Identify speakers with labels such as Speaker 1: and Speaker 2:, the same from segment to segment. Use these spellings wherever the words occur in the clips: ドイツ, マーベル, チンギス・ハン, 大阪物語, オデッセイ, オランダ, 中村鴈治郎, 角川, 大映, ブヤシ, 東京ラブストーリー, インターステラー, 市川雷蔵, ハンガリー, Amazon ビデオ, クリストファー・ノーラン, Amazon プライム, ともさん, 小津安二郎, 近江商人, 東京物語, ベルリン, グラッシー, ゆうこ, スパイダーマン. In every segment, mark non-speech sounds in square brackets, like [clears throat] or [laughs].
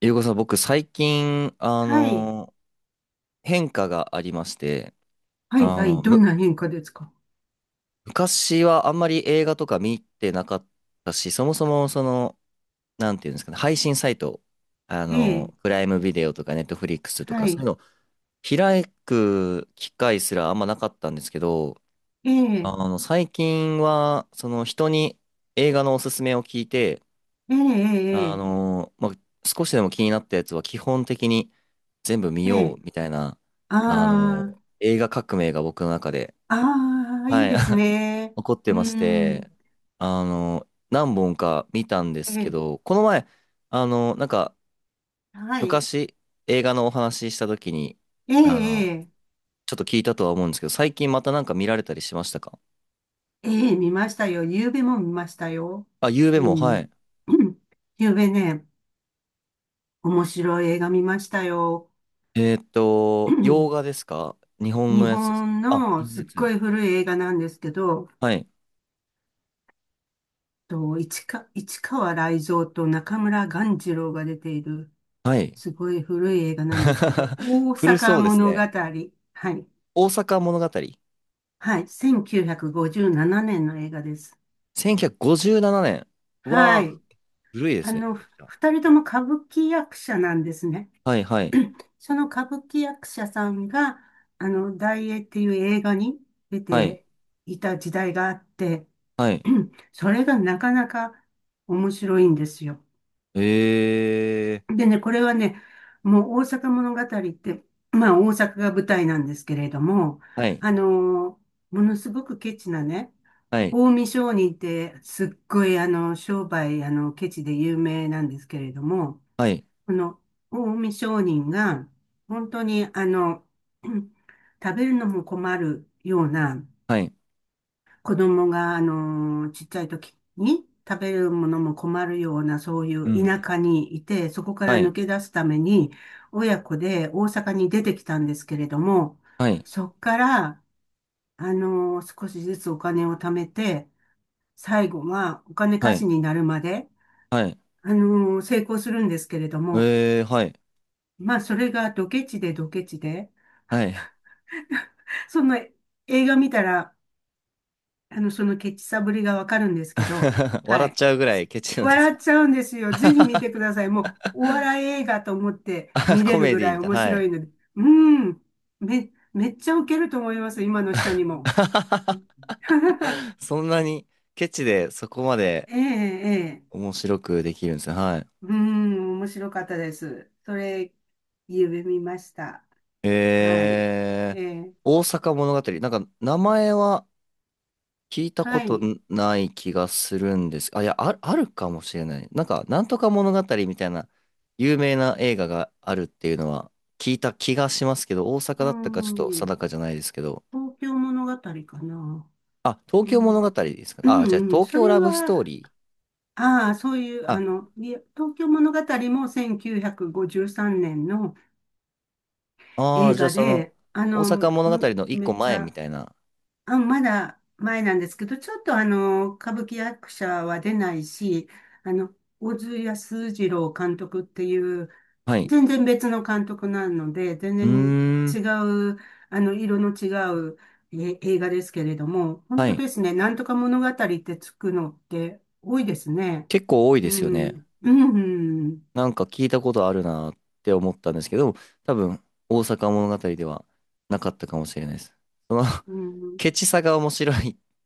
Speaker 1: ゆうこさん、僕最近、
Speaker 2: はい。
Speaker 1: 変化がありまして、
Speaker 2: はい、
Speaker 1: あ
Speaker 2: はい、
Speaker 1: の、
Speaker 2: どん
Speaker 1: む、
Speaker 2: な変化ですか？
Speaker 1: 昔はあんまり映画とか見てなかったし、そもそもなんていうんですかね、配信サイト、
Speaker 2: ええ、
Speaker 1: プライムビデオとかネットフリックスと
Speaker 2: は
Speaker 1: か、そう
Speaker 2: い。
Speaker 1: いうの開く機会すらあんまなかったんですけど、
Speaker 2: ええ、
Speaker 1: 最近は、その人に映画のおすすめを聞いて、
Speaker 2: ええ、え
Speaker 1: あ
Speaker 2: え、
Speaker 1: の、まあ、少しでも気になったやつは基本的に、全部見
Speaker 2: え
Speaker 1: よう
Speaker 2: え、
Speaker 1: みたいな、あの、
Speaker 2: あ
Speaker 1: 映画革命が僕の中で、
Speaker 2: あ、ああ、い
Speaker 1: は
Speaker 2: い
Speaker 1: い、
Speaker 2: です
Speaker 1: [laughs]
Speaker 2: ね。
Speaker 1: 起こって
Speaker 2: う
Speaker 1: まして、
Speaker 2: ん、
Speaker 1: 何本か見たんで
Speaker 2: え
Speaker 1: すけ
Speaker 2: え、
Speaker 1: ど、この前、あの、なんか、
Speaker 2: はい。
Speaker 1: 昔、映画のお話しした時に、
Speaker 2: ええ、
Speaker 1: あ
Speaker 2: え
Speaker 1: の、
Speaker 2: え、
Speaker 1: ちょっと聞いたとは思うんですけど、最近またなんか見られたりしましたか？
Speaker 2: ええ見ましたよ。夕べも見ましたよ。
Speaker 1: あ、ゆうべ
Speaker 2: う
Speaker 1: も、は
Speaker 2: ん。
Speaker 1: い。
Speaker 2: [coughs] [clears throat] 夕べね、面白い映画見ましたよ。[coughs]
Speaker 1: 洋
Speaker 2: [clears throat]
Speaker 1: 画ですか、日本の
Speaker 2: 日
Speaker 1: やつですか？
Speaker 2: 本
Speaker 1: あ、日
Speaker 2: の
Speaker 1: 本の
Speaker 2: す
Speaker 1: や
Speaker 2: っご
Speaker 1: つ。
Speaker 2: い古い映画なんですけど、
Speaker 1: はい。
Speaker 2: と市川、市川雷蔵と中村鴈治郎が出ている
Speaker 1: はい。
Speaker 2: すごい古い映画なんですけど、
Speaker 1: [laughs]
Speaker 2: 大
Speaker 1: 古
Speaker 2: 阪
Speaker 1: そうです
Speaker 2: 物語。
Speaker 1: ね。
Speaker 2: はい。
Speaker 1: 大阪物語。
Speaker 2: はい。1957年の映画です。
Speaker 1: 1957年。う、ひゃくごじゅうな
Speaker 2: は
Speaker 1: なねん、わ
Speaker 2: い。
Speaker 1: ー、古いで
Speaker 2: あ
Speaker 1: すね、め
Speaker 2: の、
Speaker 1: ちゃくちゃ。
Speaker 2: 二人とも歌舞伎役者なんですね。
Speaker 1: はい、はい、
Speaker 2: その歌舞伎役者さんが、あの、大映っていう映画に出
Speaker 1: はい、
Speaker 2: ていた時代があって、
Speaker 1: はい。
Speaker 2: [clears throat] それがなかなか面白いんですよ。
Speaker 1: えー、
Speaker 2: でね、これはね、もう大阪物語って、まあ大阪が舞台なんですけれども、
Speaker 1: はい、
Speaker 2: あのーものすごくケチなね、
Speaker 1: はい、
Speaker 2: 近江商人ってすっごいあの、商売、あの、ケチで有名なんですけれども、
Speaker 1: はい、
Speaker 2: この近江商人が、本当にあの、[clears throat] 食べるのも困るような、
Speaker 1: はい。
Speaker 2: 子供が、あの、ちっちゃい時に食べるものも困るような、そうい
Speaker 1: う
Speaker 2: う
Speaker 1: んう
Speaker 2: 田
Speaker 1: ん、
Speaker 2: 舎にいて、そこから
Speaker 1: は
Speaker 2: 抜
Speaker 1: い、
Speaker 2: け出すために、親子で大阪に出てきたんですけれども、
Speaker 1: はい、
Speaker 2: そこから、あの、少しずつお金を貯めて、最後はお金
Speaker 1: は
Speaker 2: 貸し
Speaker 1: い、
Speaker 2: になるまで、
Speaker 1: はい。
Speaker 2: あの、成功するんですけれども、
Speaker 1: えー、はい、
Speaker 2: まあ、それがドケチでドケチで、
Speaker 1: はい。
Speaker 2: その映画見たら、あの、そのケチさぶりがわかるんですけど、
Speaker 1: [laughs]
Speaker 2: は
Speaker 1: 笑っ
Speaker 2: い。
Speaker 1: ちゃうぐらいケチなんです
Speaker 2: 笑っ
Speaker 1: か？
Speaker 2: ちゃうんですよ。ぜひ見てください。もう、お笑い映画と思って見
Speaker 1: [laughs]
Speaker 2: れ
Speaker 1: コ
Speaker 2: る
Speaker 1: メ
Speaker 2: ぐ
Speaker 1: ディ
Speaker 2: らい
Speaker 1: みたい
Speaker 2: 面
Speaker 1: な。は
Speaker 2: 白
Speaker 1: い。
Speaker 2: いので。うん。めっちゃウケると思います。今の人にも。[laughs]
Speaker 1: [laughs] そんなにケチでそこまで
Speaker 2: ええ、ええ。
Speaker 1: 面白くできるんですね。はい。
Speaker 2: うん、面白かったです。それ、夢見ました。はい。
Speaker 1: えー、
Speaker 2: ええ、
Speaker 1: 大阪物語。なんか名前は聞いたこ
Speaker 2: は
Speaker 1: と
Speaker 2: い。
Speaker 1: ない気がするんです。あ、いや、あ、あるかもしれない。なんか、なんとか物語みたいな有名な映画があるっていうのは聞いた気がしますけど、大阪
Speaker 2: う
Speaker 1: だったかちょっと
Speaker 2: ん、
Speaker 1: 定かじゃないですけど。
Speaker 2: 東京物語かな。
Speaker 1: あ、東
Speaker 2: う
Speaker 1: 京物語
Speaker 2: ん、
Speaker 1: ですか。
Speaker 2: う
Speaker 1: あ、じゃあ
Speaker 2: ん、うん
Speaker 1: 東
Speaker 2: そ
Speaker 1: 京
Speaker 2: れ
Speaker 1: ラブス
Speaker 2: は、
Speaker 1: トーリー。
Speaker 2: ああ、そういう、あ
Speaker 1: あ、
Speaker 2: の、いや東京物語も1953年の
Speaker 1: あー
Speaker 2: 映
Speaker 1: じゃあ
Speaker 2: 画
Speaker 1: その、
Speaker 2: で、あ
Speaker 1: 大阪
Speaker 2: の、
Speaker 1: 物語の一
Speaker 2: め
Speaker 1: 個
Speaker 2: っち
Speaker 1: 前み
Speaker 2: ゃ、
Speaker 1: たいな。
Speaker 2: あ、まだ前なんですけど、ちょっとあの、歌舞伎役者は出ないし、あの、小津安二郎監督っていう、
Speaker 1: はい。
Speaker 2: 全然別の監督なので、全
Speaker 1: う
Speaker 2: 然
Speaker 1: ーん。
Speaker 2: 違う、あの、色の違う映画ですけれども、本
Speaker 1: は
Speaker 2: 当
Speaker 1: い。
Speaker 2: ですね、なんとか物語ってつくのって多いですね。
Speaker 1: 結構多い
Speaker 2: う
Speaker 1: ですよね。
Speaker 2: ん、うん、
Speaker 1: なんか聞いたことあるなって思ったんですけど、多分、大阪物語ではなかったかもしれないです。その
Speaker 2: う
Speaker 1: [laughs]
Speaker 2: ん。
Speaker 1: ケチさが面白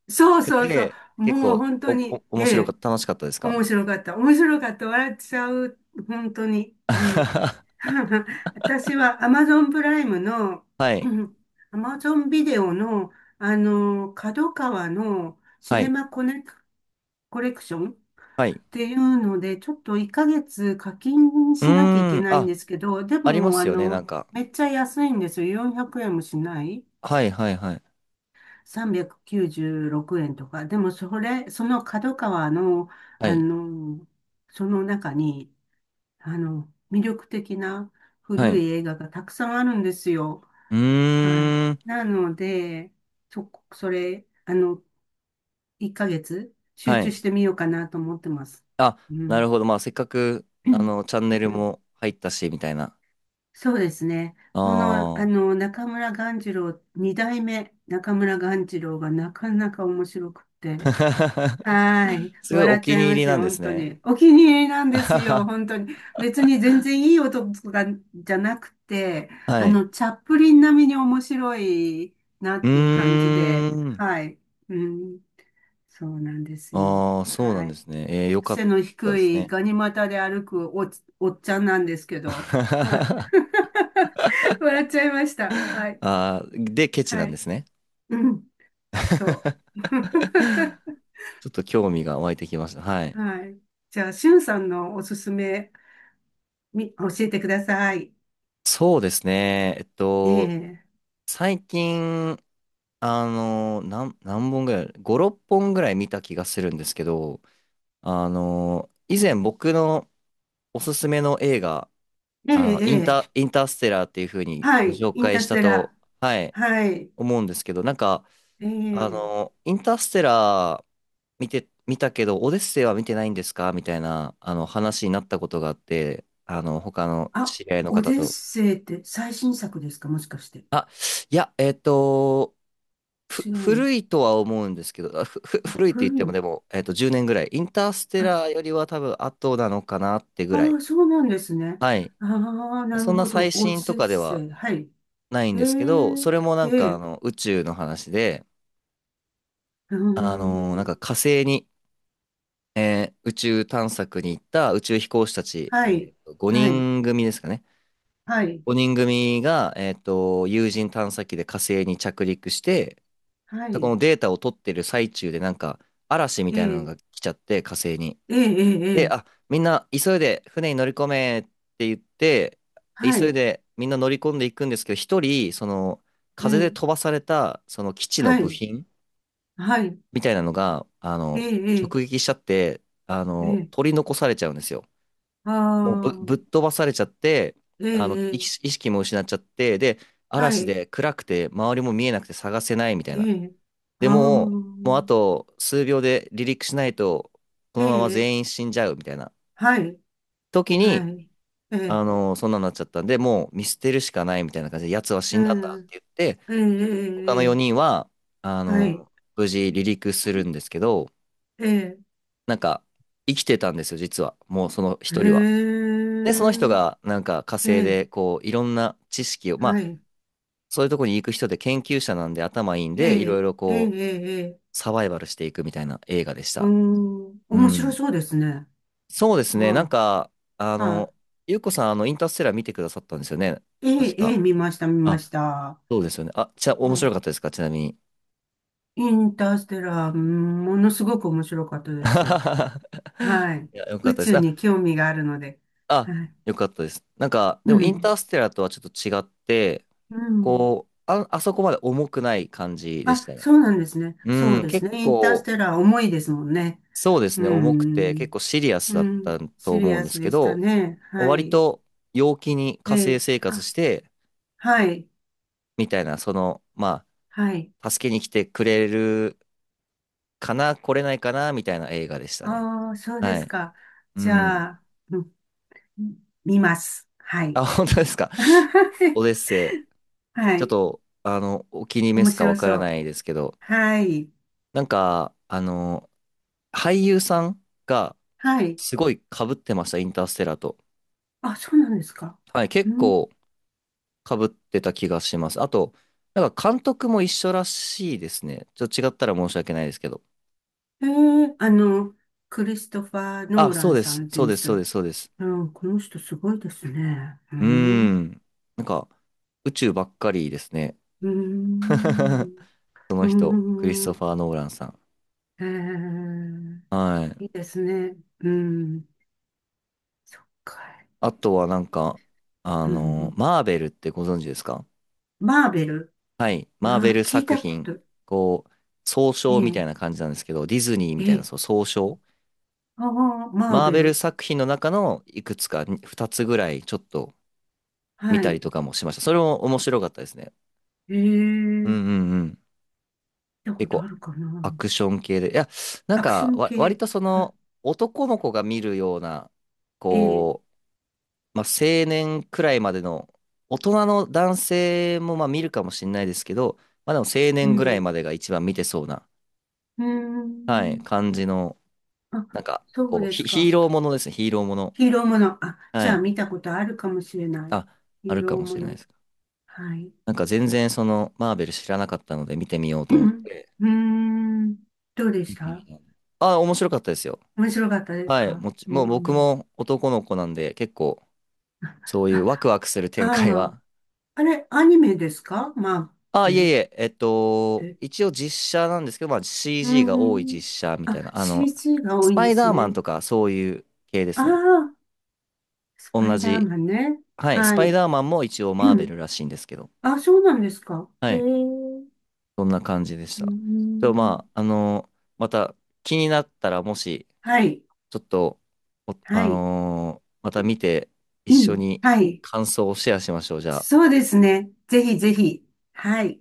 Speaker 2: そう
Speaker 1: く
Speaker 2: そうそう。
Speaker 1: て、結
Speaker 2: もう
Speaker 1: 構、
Speaker 2: 本当に、え
Speaker 1: 面白かっ
Speaker 2: え、
Speaker 1: た、楽しかったですか？
Speaker 2: 面白かった。面白かった。笑っちゃう。本当に。うん。
Speaker 1: [laughs]
Speaker 2: [laughs] 私は Amazon プライムの、
Speaker 1: はい、
Speaker 2: [clears throat] Amazon ビデオの、あの、角川のシ
Speaker 1: は
Speaker 2: ネ
Speaker 1: い、
Speaker 2: マコネク、コレクションっ
Speaker 1: はい。
Speaker 2: ていうので、ちょっと1ヶ月課金
Speaker 1: う
Speaker 2: しなきゃいけ
Speaker 1: ーん、
Speaker 2: ないん
Speaker 1: あ、
Speaker 2: ですけど、で
Speaker 1: ありま
Speaker 2: も、あ
Speaker 1: すよね、なん
Speaker 2: の、
Speaker 1: か。
Speaker 2: めっちゃ安いんですよ。400円もしない。
Speaker 1: はい、はい、はい、
Speaker 2: 396円とか、でもそれ、その角川の、
Speaker 1: は
Speaker 2: あ
Speaker 1: い、
Speaker 2: の、その中に、あの、魅力的な
Speaker 1: は
Speaker 2: 古
Speaker 1: い。
Speaker 2: い映画がたくさんあるんですよ。
Speaker 1: う
Speaker 2: はい。
Speaker 1: ーん、
Speaker 2: なので、そこ、それ、あの、1ヶ月集
Speaker 1: は
Speaker 2: 中
Speaker 1: い。
Speaker 2: してみようかなと思ってます。
Speaker 1: あ、
Speaker 2: う
Speaker 1: なる
Speaker 2: ん。
Speaker 1: ほど。まあ、せっかく、
Speaker 2: [clears throat] うん
Speaker 1: チャンネルも入ったし、みたいな。
Speaker 2: そうですね。
Speaker 1: あ
Speaker 2: この、あ
Speaker 1: あ。
Speaker 2: の、中村鴈治郎、二代目中村鴈治郎がなかなか面白くって、は
Speaker 1: [laughs]
Speaker 2: い。
Speaker 1: すごいお
Speaker 2: 笑っち
Speaker 1: 気
Speaker 2: ゃい
Speaker 1: に
Speaker 2: ま
Speaker 1: 入り
Speaker 2: す
Speaker 1: な
Speaker 2: よ、
Speaker 1: んです
Speaker 2: 本当
Speaker 1: ね。
Speaker 2: に。お気に入りなん
Speaker 1: [laughs] あ
Speaker 2: で
Speaker 1: は
Speaker 2: すよ、
Speaker 1: は、
Speaker 2: 本当に。別に全然いい音とかじゃなくて、あ
Speaker 1: はい。
Speaker 2: の、チャップリン並みに面白いな
Speaker 1: う
Speaker 2: っていう感じで、
Speaker 1: ーん。
Speaker 2: はい。うん、そうなんですよ。
Speaker 1: ああ、そうな
Speaker 2: は
Speaker 1: んで
Speaker 2: い。
Speaker 1: すね。えー、よかっ
Speaker 2: 背の
Speaker 1: たで
Speaker 2: 低
Speaker 1: す
Speaker 2: い
Speaker 1: ね。
Speaker 2: ガニ股で歩くおっちゃんなんですけど、は
Speaker 1: [laughs]
Speaker 2: い。
Speaker 1: あ
Speaker 2: [laughs] 笑っちゃいました。はい。
Speaker 1: あ、で、ケチな
Speaker 2: は
Speaker 1: んで
Speaker 2: い。
Speaker 1: すね。
Speaker 2: うん、そう。[laughs]
Speaker 1: ちょっと興味が湧いてきました。はい。
Speaker 2: はい。じゃあ、しゅんさんのおすすめ教えてください。
Speaker 1: そうですね。えっ
Speaker 2: え
Speaker 1: と、
Speaker 2: え、
Speaker 1: 最近、何本ぐらい、5、6本ぐらい見た気がするんですけど、以前僕のおすすめの映画、
Speaker 2: ええ、ええ、
Speaker 1: インターステラーっていう風に
Speaker 2: は
Speaker 1: ご
Speaker 2: い、
Speaker 1: 紹
Speaker 2: イン
Speaker 1: 介
Speaker 2: ター
Speaker 1: し
Speaker 2: ス
Speaker 1: た
Speaker 2: テラ
Speaker 1: と、はい、
Speaker 2: ー。はい、
Speaker 1: 思うんですけど、
Speaker 2: ええ、
Speaker 1: インターステラー見たけど、オデッセイは見てないんですかみたいな、話になったことがあって、あの、他の
Speaker 2: あ、
Speaker 1: 知り合いの
Speaker 2: オ
Speaker 1: 方
Speaker 2: デッ
Speaker 1: と。
Speaker 2: セイって最新作ですかもしかして？
Speaker 1: あ、いや、
Speaker 2: 違うの。
Speaker 1: 古いとは思うんですけど、あふ、ふ、
Speaker 2: あ、
Speaker 1: 古いって言っ
Speaker 2: 古い
Speaker 1: ても
Speaker 2: の。
Speaker 1: でも、えっと、10年ぐらい。インターステ
Speaker 2: あ、
Speaker 1: ラーよりは多分後なのかなってぐらい。
Speaker 2: ああ、そうなんですね。
Speaker 1: はい。
Speaker 2: ああ、な
Speaker 1: そ
Speaker 2: る
Speaker 1: んな
Speaker 2: ほど。
Speaker 1: 最
Speaker 2: オデ
Speaker 1: 新と
Speaker 2: ッ
Speaker 1: かでは
Speaker 2: セイ。はい。
Speaker 1: ないん
Speaker 2: え
Speaker 1: ですけど、そ
Speaker 2: え、
Speaker 1: れもなん
Speaker 2: え
Speaker 1: かあ
Speaker 2: え、
Speaker 1: の宇宙の話で、
Speaker 2: うー
Speaker 1: なんか
Speaker 2: ん。
Speaker 1: 火星に宇宙探索に行った宇宙飛行士たち、
Speaker 2: はい、
Speaker 1: えーと、
Speaker 2: はい、
Speaker 1: 5人組ですかね。
Speaker 2: はい、
Speaker 1: 5人組が、えーと、有人探査機で火星に着陸して、
Speaker 2: は
Speaker 1: そこ
Speaker 2: い。
Speaker 1: のデータを取ってる最中でなんか嵐み
Speaker 2: え
Speaker 1: たいなの
Speaker 2: え、
Speaker 1: が来ちゃって火星に。
Speaker 2: ええ、ええ、
Speaker 1: で、
Speaker 2: ええ
Speaker 1: あ、みんな急いで船に乗り込めって言って、
Speaker 2: は
Speaker 1: 急い
Speaker 2: い、
Speaker 1: でみんな乗り込んでいくんですけど、一人、その
Speaker 2: え
Speaker 1: 風で飛
Speaker 2: え、
Speaker 1: ばされたその基地の
Speaker 2: は
Speaker 1: 部
Speaker 2: い、
Speaker 1: 品
Speaker 2: はい、
Speaker 1: みたいなのが、
Speaker 2: ええ、
Speaker 1: 直撃しちゃって、
Speaker 2: ええ。ええ
Speaker 1: 取り残されちゃうんですよ。
Speaker 2: あ
Speaker 1: もうぶっ
Speaker 2: あ、
Speaker 1: 飛ばされちゃって、
Speaker 2: え
Speaker 1: 意
Speaker 2: え、え
Speaker 1: 識
Speaker 2: え
Speaker 1: 意識も失っちゃって、で、
Speaker 2: は
Speaker 1: 嵐
Speaker 2: い、
Speaker 1: で暗くて周りも見えなくて探せないみたい
Speaker 2: え
Speaker 1: な。
Speaker 2: え、あ
Speaker 1: で
Speaker 2: あ、
Speaker 1: も、もうあと数秒で離陸しないと、こ
Speaker 2: え
Speaker 1: のまま
Speaker 2: え、
Speaker 1: 全員死んじゃうみたいな
Speaker 2: はい、
Speaker 1: 時に、
Speaker 2: はい、ええ、
Speaker 1: そんなになっちゃったんで、もう見捨てるしかないみたいな感じで、奴は死
Speaker 2: う
Speaker 1: んだんだっ
Speaker 2: ん、
Speaker 1: て言って、
Speaker 2: ええ、
Speaker 1: 他
Speaker 2: え
Speaker 1: の
Speaker 2: え、
Speaker 1: 4人は、あ
Speaker 2: はい、
Speaker 1: の、無事離陸するんですけど、
Speaker 2: ええ、
Speaker 1: なんか、生きてたんですよ、実は。もうその
Speaker 2: へ
Speaker 1: 1人は。で、その人
Speaker 2: え、
Speaker 1: がなんか火
Speaker 2: え
Speaker 1: 星
Speaker 2: え、
Speaker 1: でこういろんな知識を、ま
Speaker 2: は
Speaker 1: あ
Speaker 2: い、
Speaker 1: そういうとこに行く人で研究者なんで頭いいん
Speaker 2: え
Speaker 1: で、いろい
Speaker 2: え、
Speaker 1: ろ
Speaker 2: ええ、
Speaker 1: こう
Speaker 2: ええ、ええ
Speaker 1: サバイバルしていくみたいな映画でし
Speaker 2: う
Speaker 1: た。
Speaker 2: ん、
Speaker 1: う
Speaker 2: 面白
Speaker 1: ん。
Speaker 2: そうですね。
Speaker 1: そうですね。
Speaker 2: は
Speaker 1: あ
Speaker 2: い、は
Speaker 1: の、ゆうこさん、インターステラー見てくださったんですよね。
Speaker 2: い、え
Speaker 1: 確
Speaker 2: え、え
Speaker 1: か。
Speaker 2: え、見ました、見ま
Speaker 1: あ、
Speaker 2: した。
Speaker 1: そうですよね。あ、じゃあ
Speaker 2: う
Speaker 1: 面白
Speaker 2: ん、
Speaker 1: かったですかちなみに。
Speaker 2: インターステラー、うんものすごく面白かったです。
Speaker 1: [laughs]
Speaker 2: はい。
Speaker 1: いや、よかっ
Speaker 2: 宇
Speaker 1: たで
Speaker 2: 宙
Speaker 1: す。あ、
Speaker 2: に興味があるので。
Speaker 1: あ、
Speaker 2: はい。
Speaker 1: よかったです。なんか、
Speaker 2: う
Speaker 1: でもイン
Speaker 2: ん。
Speaker 1: ターステラーとはちょっと違って、
Speaker 2: うん。
Speaker 1: あそこまで重くない感じでし
Speaker 2: あ、
Speaker 1: たね。
Speaker 2: そうなんですね。そ
Speaker 1: う
Speaker 2: う
Speaker 1: ん、
Speaker 2: です
Speaker 1: 結
Speaker 2: ね。インタース
Speaker 1: 構、
Speaker 2: テラー重いですもんね。
Speaker 1: そうです
Speaker 2: う
Speaker 1: ね、重くて、結
Speaker 2: ん。
Speaker 1: 構シリアスだ
Speaker 2: う
Speaker 1: った
Speaker 2: ん。
Speaker 1: と
Speaker 2: シリ
Speaker 1: 思うん
Speaker 2: ア
Speaker 1: で
Speaker 2: ス
Speaker 1: すけ
Speaker 2: でした
Speaker 1: ど、
Speaker 2: ね。は
Speaker 1: 割
Speaker 2: い。
Speaker 1: と陽気に
Speaker 2: え
Speaker 1: 火星
Speaker 2: え。
Speaker 1: 生活
Speaker 2: あ、
Speaker 1: して、
Speaker 2: はい。
Speaker 1: みたいな、
Speaker 2: はい。
Speaker 1: 助けに来てくれるかな、来れないかな、みたいな映画でしたね。
Speaker 2: ああ、そうで
Speaker 1: は
Speaker 2: す
Speaker 1: い。
Speaker 2: か。
Speaker 1: う
Speaker 2: じゃ
Speaker 1: ん。
Speaker 2: あ、うん、見ます。は
Speaker 1: あ、
Speaker 2: い。
Speaker 1: 本当ですか。オデ
Speaker 2: [laughs]
Speaker 1: ッセイ。
Speaker 2: は
Speaker 1: ちょっ
Speaker 2: い。
Speaker 1: と、お気に召
Speaker 2: 面
Speaker 1: すか
Speaker 2: 白
Speaker 1: わか
Speaker 2: そ
Speaker 1: ら
Speaker 2: う。
Speaker 1: ないですけど、
Speaker 2: はい。
Speaker 1: なんか、あの、俳優さんが、
Speaker 2: はい。
Speaker 1: すごい被ってました、インターステラーと。
Speaker 2: あ、そうなんですか。
Speaker 1: はい、
Speaker 2: う
Speaker 1: 結
Speaker 2: ん
Speaker 1: 構、かぶってた気がします。あと、なんか監督も一緒らしいですね。ちょっと違ったら申し訳ないですけど。
Speaker 2: ええあの、クリストファー・ノ
Speaker 1: あ、
Speaker 2: ーラ
Speaker 1: そう
Speaker 2: ン
Speaker 1: で
Speaker 2: さ
Speaker 1: す。
Speaker 2: んって
Speaker 1: そう
Speaker 2: いう
Speaker 1: です。そう
Speaker 2: 人、
Speaker 1: です。そうです。
Speaker 2: うん、この人すごいですね。う
Speaker 1: うー
Speaker 2: ん、う
Speaker 1: ん。なんか、宇宙ばっかりですね。
Speaker 2: ー
Speaker 1: [laughs]
Speaker 2: ん、
Speaker 1: その
Speaker 2: うー
Speaker 1: 人、クリスト
Speaker 2: ん、
Speaker 1: ファー・ノーランさん。
Speaker 2: ええ
Speaker 1: はい。
Speaker 2: いいですね。うん、そっか。
Speaker 1: あとはなんか、
Speaker 2: うん、
Speaker 1: マーベルってご存知ですか？
Speaker 2: マーベル。
Speaker 1: はい。マー
Speaker 2: ま
Speaker 1: ベ
Speaker 2: あ、
Speaker 1: ル
Speaker 2: 聞い
Speaker 1: 作
Speaker 2: たこ
Speaker 1: 品、
Speaker 2: と。
Speaker 1: こう、総称みた
Speaker 2: え
Speaker 1: いな
Speaker 2: え
Speaker 1: 感じなんですけど、ディズニーみたいな、
Speaker 2: え
Speaker 1: そう、
Speaker 2: え
Speaker 1: 総称。
Speaker 2: ああ、マー
Speaker 1: マー
Speaker 2: ベ
Speaker 1: ベル
Speaker 2: ル。
Speaker 1: 作品の中のいくつか、2つぐらい、ちょっと、見
Speaker 2: は
Speaker 1: たり
Speaker 2: い。
Speaker 1: とかもしました。それも面白かったですね。
Speaker 2: ええ
Speaker 1: うん
Speaker 2: 聞
Speaker 1: う
Speaker 2: い
Speaker 1: んうん。
Speaker 2: たこ
Speaker 1: 結
Speaker 2: と
Speaker 1: 構
Speaker 2: あるかな。
Speaker 1: アクション系で。いや、なん
Speaker 2: アクショ
Speaker 1: か
Speaker 2: ン
Speaker 1: わ、割
Speaker 2: 系。
Speaker 1: とそ
Speaker 2: はい
Speaker 1: の男の子が見るような、
Speaker 2: え
Speaker 1: こ
Speaker 2: え
Speaker 1: う、青年くらいまでの大人の男性もまあ見るかもしれないですけど、まあでも青
Speaker 2: う
Speaker 1: 年ぐらい
Speaker 2: ん、
Speaker 1: までが一番見てそうな、
Speaker 2: うー
Speaker 1: はい、
Speaker 2: ん。
Speaker 1: 感じの、
Speaker 2: あ、
Speaker 1: なんか、
Speaker 2: そうです
Speaker 1: ヒ
Speaker 2: か。
Speaker 1: ーローものですね、ヒーローもの。
Speaker 2: ヒーローもの。あ、じ
Speaker 1: は
Speaker 2: ゃあ
Speaker 1: い。
Speaker 2: 見たことあるかもしれない。
Speaker 1: あ、あ
Speaker 2: ヒー
Speaker 1: るか
Speaker 2: ロー
Speaker 1: も
Speaker 2: も
Speaker 1: しれない
Speaker 2: の。
Speaker 1: です。
Speaker 2: はい。
Speaker 1: なんか全然そのマーベル知らなかったので見てみよう
Speaker 2: [clears throat]
Speaker 1: と思って。
Speaker 2: うーん。どうでした？
Speaker 1: あ、面白かったですよ。
Speaker 2: 面白かったです
Speaker 1: はい。
Speaker 2: か？う
Speaker 1: もう僕
Speaker 2: ん。
Speaker 1: も男の子なんで、結構、そういうワ
Speaker 2: あ、
Speaker 1: クワクする展開
Speaker 2: ああ、
Speaker 1: は。
Speaker 2: あれ、アニメですかマー
Speaker 1: あ、
Speaker 2: ベ
Speaker 1: いえ
Speaker 2: ル
Speaker 1: い
Speaker 2: っ
Speaker 1: え、えっと、
Speaker 2: て？
Speaker 1: 一応実写なんですけど、まあ
Speaker 2: うー
Speaker 1: CG が多い実
Speaker 2: ん。
Speaker 1: 写みた
Speaker 2: あ、
Speaker 1: いな。あの、
Speaker 2: CG が多
Speaker 1: ス
Speaker 2: いん
Speaker 1: パ
Speaker 2: で
Speaker 1: イ
Speaker 2: す
Speaker 1: ダーマン
Speaker 2: ね。
Speaker 1: とかそういう系で
Speaker 2: あ
Speaker 1: すね。
Speaker 2: あ、スパ
Speaker 1: 同
Speaker 2: イダー
Speaker 1: じ。
Speaker 2: マンね。
Speaker 1: はい。ス
Speaker 2: は
Speaker 1: パイ
Speaker 2: い。
Speaker 1: ダーマンも一応
Speaker 2: う
Speaker 1: マーベ
Speaker 2: ん
Speaker 1: ルらしいんですけど。
Speaker 2: あ、そうなんですか。
Speaker 1: は
Speaker 2: へえ。
Speaker 1: い。
Speaker 2: う
Speaker 1: そんな感じでし
Speaker 2: ー
Speaker 1: た。と、
Speaker 2: ん。
Speaker 1: まあ、また気になったら、もし、
Speaker 2: はい。
Speaker 1: ちょっと、お
Speaker 2: は
Speaker 1: あ
Speaker 2: い。
Speaker 1: のーまた見て、一
Speaker 2: う
Speaker 1: 緒
Speaker 2: ん。
Speaker 1: に
Speaker 2: はい。
Speaker 1: 感想をシェアしましょう、じゃあ。
Speaker 2: そうですね。ぜひぜひ。はい。